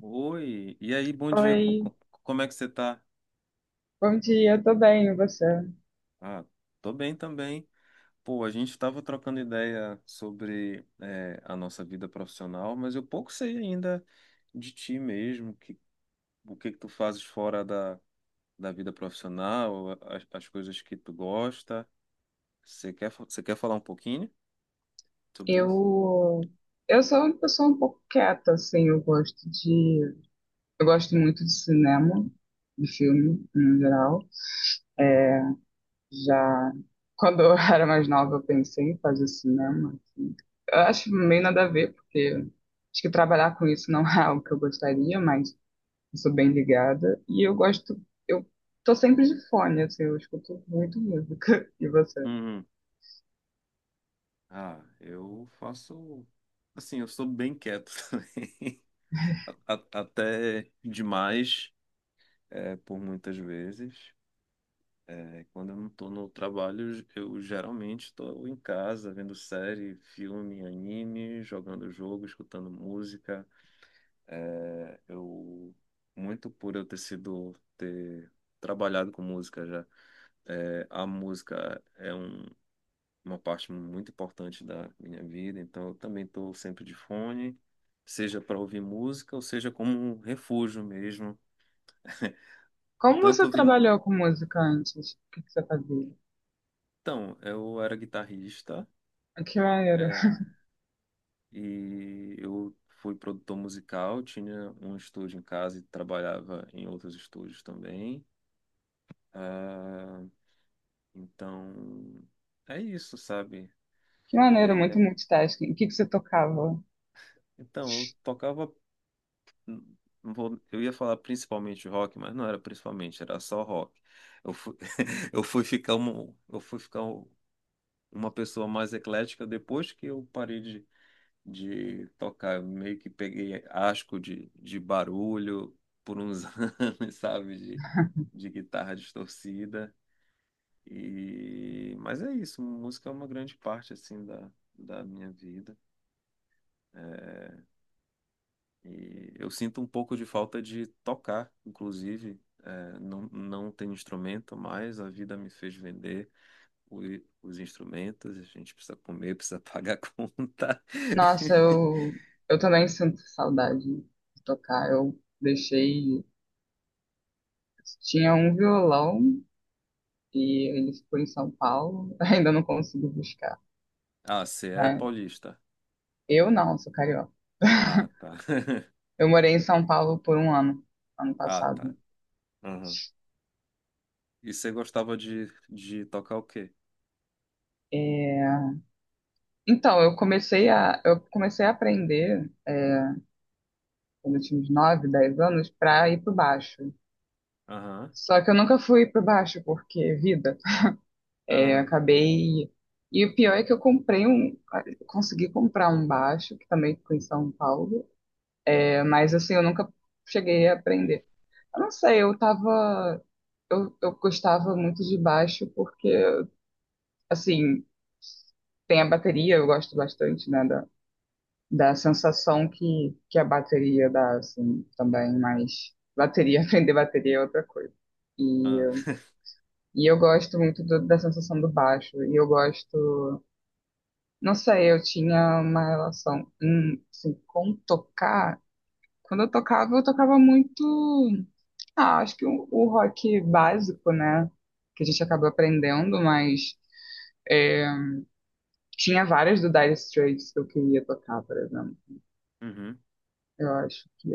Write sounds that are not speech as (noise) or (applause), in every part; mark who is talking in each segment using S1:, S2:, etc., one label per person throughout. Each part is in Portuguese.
S1: Oi, e aí, bom dia,
S2: Oi,
S1: como é que você tá?
S2: bom dia, tô bem, e você?
S1: Ah, tô bem também. Pô, a gente tava trocando ideia sobre a nossa vida profissional, mas eu pouco sei ainda de ti mesmo, que, o que que tu fazes fora da vida profissional, as coisas que tu gosta. Você quer, você quer falar um pouquinho sobre isso?
S2: Eu, eu sou uma pessoa um pouco quieta, assim, eu gosto muito de cinema, de filme, no geral. É, já, quando eu (laughs) era mais nova, eu pensei em fazer cinema, assim. Eu acho meio nada a ver, porque acho que trabalhar com isso não (laughs) é algo que eu gostaria, mas eu sou bem ligada, eu tô sempre de fone, assim, eu escuto muito música, (laughs) e você?
S1: Uhum. Ah, eu faço. Assim, eu sou bem quieto (laughs) também. Até demais. É, por muitas vezes. É, quando eu não estou no trabalho, eu geralmente estou em casa vendo série, filme, anime, jogando jogo, escutando música. É, eu muito por eu ter trabalhado com música já. É, a música é uma parte muito importante da minha vida, então eu também estou sempre de fone, seja para ouvir música ou seja como um refúgio mesmo. (laughs)
S2: Como você
S1: Tanto ouvir.
S2: trabalhou com música antes? O que que você fazia?
S1: Então, eu era guitarrista.
S2: Ah, que maneiro.
S1: É,
S2: (laughs)
S1: e eu fui produtor musical, tinha um estúdio em casa e trabalhava em outros estúdios também. Ah, então, é isso, sabe?
S2: Que
S1: E
S2: maneiro,
S1: aí,
S2: muito multitasking. O que que você tocava?
S1: então, eu tocava, hum, não vou- eu ia falar principalmente rock, mas não era principalmente, era só rock. Eu fui, (laughs) eu fui ficar, uma pessoa mais eclética depois que eu parei de tocar. Eu meio que peguei asco de barulho por uns (laughs) anos, sabe? De guitarra distorcida. E... Mas é isso, música é uma grande parte, assim, da minha vida. É, e eu sinto um pouco de falta de tocar, inclusive. É, não tem instrumento mais, a vida me fez vender o- os instrumentos, a gente precisa comer, (laughs) precisa pagar a conta.
S2: Nossa,
S1: (laughs)
S2: eu também sinto saudade de tocar. Eu deixei. Tinha um violão e ele ficou em São Paulo. (laughs) Ainda não consigo buscar.
S1: Ah, você é
S2: Né?
S1: paulista.
S2: Eu não, sou carioca.
S1: Ah, tá.
S2: Eu morei em São Paulo por um ano, ano
S1: Ah, tá.
S2: passado.
S1: Aham. E você gostava de tocar o quê?
S2: Então, eu comecei a aprender quando eu tinha uns 9, 10 anos para ir pro baixo.
S1: Aham,
S2: Só que eu nunca fui pra baixo, porque vida. É,
S1: aham,
S2: acabei. E o pior é que eu comprei um. Consegui comprar um baixo, que também ficou em São Paulo. Mas assim, eu nunca cheguei a aprender. Eu não sei, eu tava. Eu gostava muito de baixo, porque, assim, tem a bateria, eu gosto bastante, né? Da, da sensação que a bateria dá, assim, também. Mas bateria, (laughs) aprender bateria é outra coisa. E.
S1: aham. (laughs)
S2: E eu gosto muito da sensação do baixo. E eu gosto. Não sei, eu tinha uma relação, assim, com tocar. Quando eu tocava muito, acho que o rock básico, né? Que a gente acabou aprendendo, mas é, tinha várias do Dire Straits que eu queria tocar, por exemplo.
S1: Uhum,
S2: Eu acho que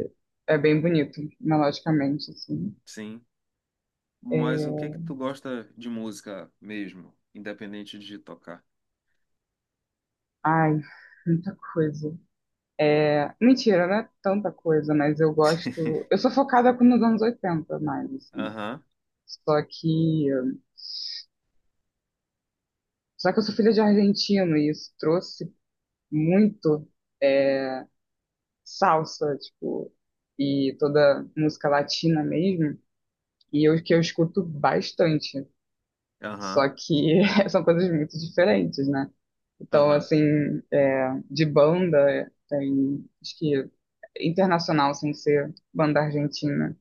S2: é bem bonito, melodicamente, assim.
S1: sim. Mas o que
S2: É,
S1: que tu gosta de música mesmo, independente de tocar?
S2: Ai, muita coisa. Mentira, não é tanta coisa, mas eu gosto. Eu
S1: (laughs)
S2: sou focada nos anos 80 mais, assim.
S1: Aham,
S2: Só que Só que eu sou filha de argentino e isso trouxe muito é, salsa, tipo, e toda música latina mesmo, e eu que eu escuto bastante.
S1: aham,
S2: Só que (laughs) são coisas muito diferentes, né? Então,
S1: aham.
S2: assim, de banda, tem, acho que internacional, sem ser banda argentina.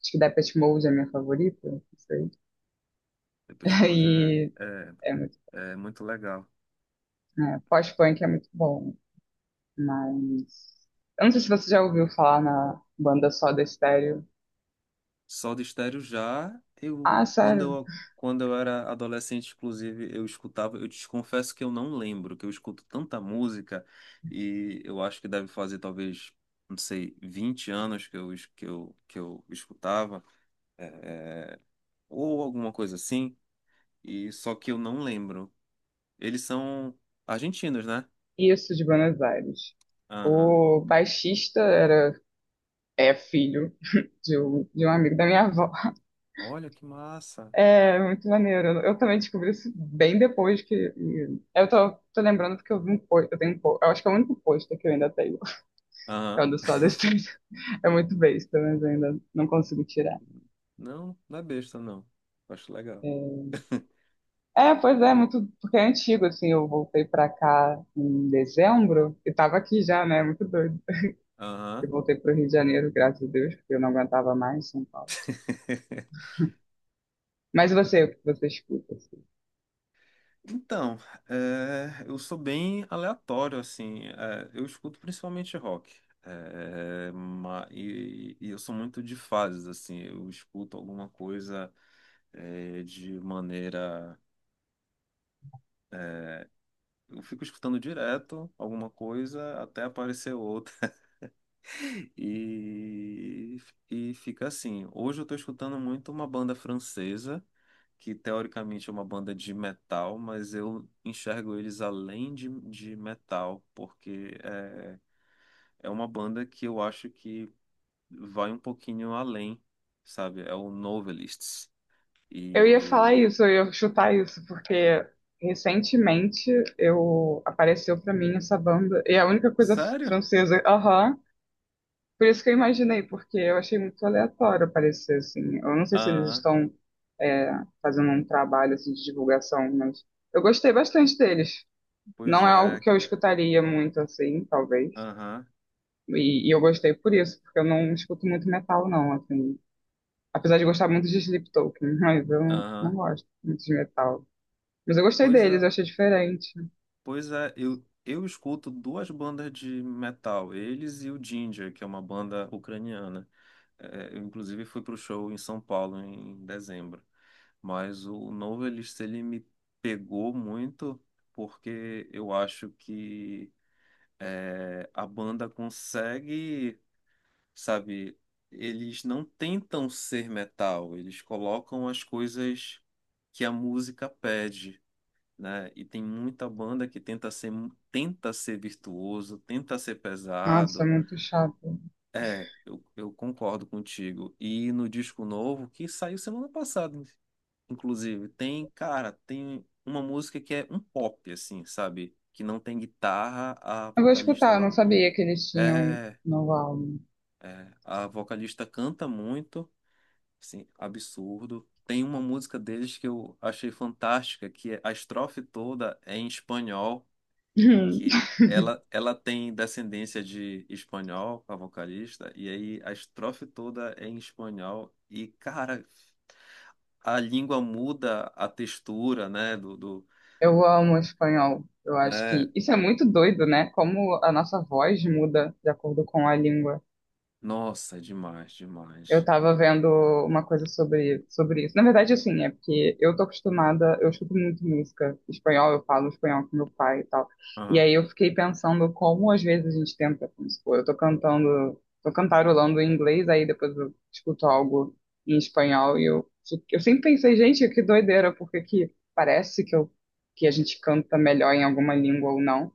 S2: Acho que Depeche Mode é minha favorita, não sei.
S1: Depeche
S2: (laughs)
S1: Mode é,
S2: E
S1: é,
S2: é muito,
S1: é muito legal.
S2: né, pós-punk é muito bom. Mas eu não sei se você já ouviu falar na banda Soda Stereo.
S1: Soda Stereo já, eu
S2: Ah,
S1: quando
S2: sério?
S1: eu quando eu era adolescente, inclusive, eu escutava, eu te confesso que eu não lembro, que eu escuto tanta música e eu acho que deve fazer talvez, não sei, 20 anos que que eu escutava, é, ou alguma coisa assim, e só que eu não lembro. Eles são argentinos, né?
S2: Isso de Buenos Aires.
S1: Aham.
S2: O baixista era é filho (laughs) de um amigo da minha avó.
S1: Olha que massa.
S2: É muito maneiro. Eu também descobri isso bem depois que eu tô lembrando porque eu vi um post, eu tenho um post, eu acho que é o único post que eu ainda tenho, (laughs) que é
S1: Aham.
S2: o do Soda Stereo. É muito besta, mas eu ainda não consigo tirar.
S1: Não, não é besta não. Eu acho legal.
S2: É,
S1: (laughs)
S2: pois é, muito, porque é antigo, assim, eu voltei pra cá em dezembro e tava aqui já, né? Muito doido. Eu
S1: Aham.
S2: voltei pro Rio de Janeiro, graças a Deus, porque eu não aguentava mais São Paulo.
S1: (laughs)
S2: Mas você, o que você escuta, assim?
S1: Então, é, eu sou bem aleatório, assim. É, eu escuto principalmente rock. É, e eu sou muito de fases, assim. Eu escuto alguma coisa é, de maneira. Eu fico escutando direto alguma coisa até aparecer outra. (laughs) E, e fica assim. Hoje eu tô escutando muito uma banda francesa, que teoricamente é uma banda de metal, mas eu enxergo eles além de metal, porque é uma banda que eu acho que vai um pouquinho além, sabe? É o Novelists.
S2: Eu ia falar
S1: E.
S2: isso, eu ia chutar isso, porque recentemente eu apareceu pra mim essa banda, e é a única coisa
S1: Sério?
S2: francesa. Aham. Por isso que eu imaginei, porque eu achei muito aleatório aparecer assim. Eu não sei se eles
S1: Ah,
S2: estão é, fazendo um trabalho assim, de divulgação, mas eu gostei bastante deles.
S1: pois
S2: Não é algo
S1: é,
S2: que eu
S1: cara.
S2: escutaria muito assim, talvez.
S1: Aham,
S2: E eu gostei por isso, porque eu não escuto muito metal, não, assim. Apesar de gostar muito de Sleep, (laughs) mas eu não
S1: aham.
S2: gosto muito de metal. Mas eu gostei
S1: Pois
S2: deles, eu
S1: é,
S2: achei diferente.
S1: pois é. Eu escuto duas bandas de metal, eles e o Ginger, que é uma banda ucraniana. É, eu, inclusive, fui pro show em São Paulo em dezembro. Mas o novo Elixir, ele me pegou muito porque eu acho que é, a banda consegue, sabe, eles não tentam ser metal, eles colocam as coisas que a música pede, né? E tem muita banda que tenta ser virtuoso, tenta ser
S2: Nossa, é
S1: pesado.
S2: muito chato.
S1: É, eu concordo contigo. E no disco novo, que saiu semana passada, inclusive, tem, cara, tem uma música que é um pop, assim, sabe? Que não tem guitarra, a
S2: Eu vou
S1: vocalista
S2: escutar, eu
S1: lá.
S2: não sabia que eles tinham
S1: É,
S2: novo álbum.
S1: é, a vocalista canta muito, assim, absurdo. Tem uma música deles que eu achei fantástica, que a estrofe toda é em espanhol.
S2: (laughs)
S1: Que ela tem descendência de espanhol, a vocalista, e aí a estrofe toda é em espanhol, e cara, a língua muda a textura, né, do,
S2: Eu amo espanhol. Eu acho
S1: né,
S2: que isso é muito doido, né? Como a nossa voz muda de acordo com a língua.
S1: nossa, é demais,
S2: Eu
S1: demais.
S2: tava vendo uma coisa sobre isso. Na verdade, assim, é porque eu tô acostumada, eu escuto muito música espanhol, eu falo espanhol com meu pai e tal. E
S1: Aham,
S2: aí eu fiquei pensando como às vezes a gente tenta, como se for, eu tô cantando, tô cantarolando em inglês, aí depois eu escuto algo em espanhol e eu sempre pensei, gente, que doideira, porque que parece que a gente canta melhor em alguma língua ou não.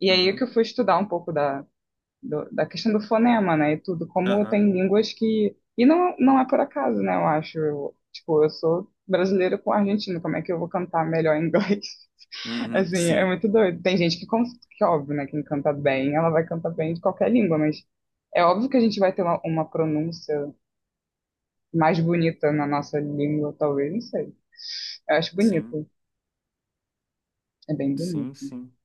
S2: E aí é que
S1: uhum,
S2: eu fui estudar um pouco da da questão do fonema, né, e tudo, como
S1: aham,
S2: tem línguas que... E não, não é por acaso, né, eu acho. Eu, tipo, eu sou brasileira com argentino, como é que eu vou cantar melhor em inglês? (laughs)
S1: uhum,
S2: Assim, é
S1: sim,
S2: muito doido. Tem gente que, que óbvio, né, quem canta bem, ela vai cantar bem de qualquer língua, mas é óbvio que a gente vai ter uma pronúncia mais bonita na nossa língua, talvez, não sei. Eu acho
S1: sim,
S2: bonito, é bem
S1: sim,
S2: bonito.
S1: sim,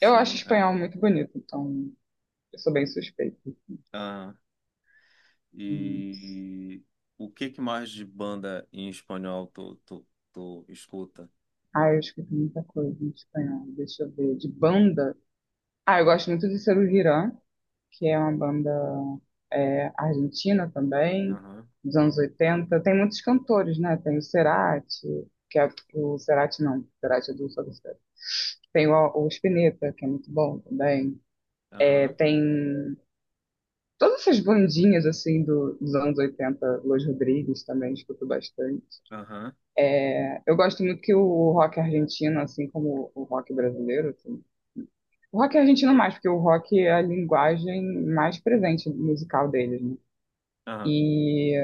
S2: Eu acho espanhol
S1: é,
S2: muito bonito, então eu sou bem suspeita.
S1: aham.
S2: Hum.
S1: E o que que mais de banda em espanhol tu escuta?
S2: Ah, eu escuto muita coisa em espanhol. Deixa eu ver. De banda. Ah, eu gosto muito de Serú Girán, que é uma banda argentina também,
S1: Aham,
S2: dos anos 80. Tem muitos cantores, né? Tem o Cerati, que é o Cerati não, o Cerati é do Soda Stereo. Tem o Spinetta, que é muito bom também. É,
S1: aham,
S2: tem todas essas bandinhas assim dos anos 80, Los Rodrigues também escuto bastante.
S1: aham,
S2: Eu gosto muito que o rock argentino, assim como o rock brasileiro, assim. O rock argentino mais, porque o rock é a linguagem mais presente musical deles, né?
S1: aham.
S2: E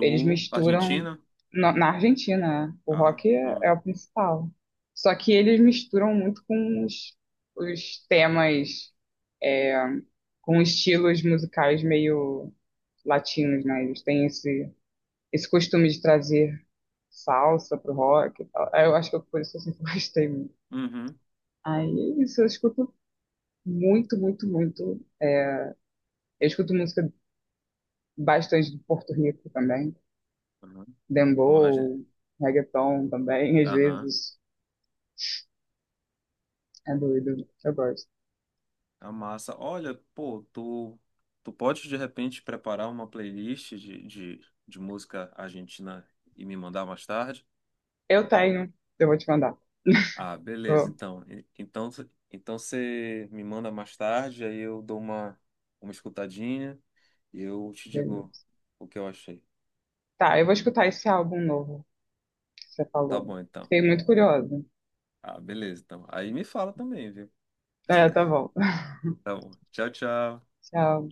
S2: eles misturam
S1: Argentina?
S2: na Argentina, né? O
S1: Ah,
S2: rock é,
S1: hum.
S2: é o principal. Só que eles misturam muito com os temas, com estilos musicais meio latinos, né? Eles têm esse costume de trazer salsa pro rock. E tal. Eu acho que por isso eu sempre (laughs) gostei muito.
S1: Uhum.
S2: Aí isso, eu escuto muito, muito, muito. Eu escuto música bastante de Porto Rico também.
S1: Uhum. Mas,
S2: Dembow, reggaeton também, às
S1: aham.
S2: vezes é doido, eu gosto.
S1: A massa. Olha, pô, tu, tu pode de repente preparar uma playlist de música argentina e me mandar mais tarde?
S2: Eu tenho, eu vou te mandar.
S1: Ah, beleza,
S2: Ô,
S1: então. Então, então você me manda mais tarde, aí eu dou uma escutadinha e eu te digo
S2: beleza.
S1: o que eu achei.
S2: Tá, eu vou escutar esse álbum novo que você
S1: Tá
S2: falou.
S1: bom, então.
S2: Fiquei muito curiosa.
S1: Ah, beleza, então. Aí me fala também, viu?
S2: É, tá bom. (laughs)
S1: Tá bom. Tchau, tchau.
S2: Tchau.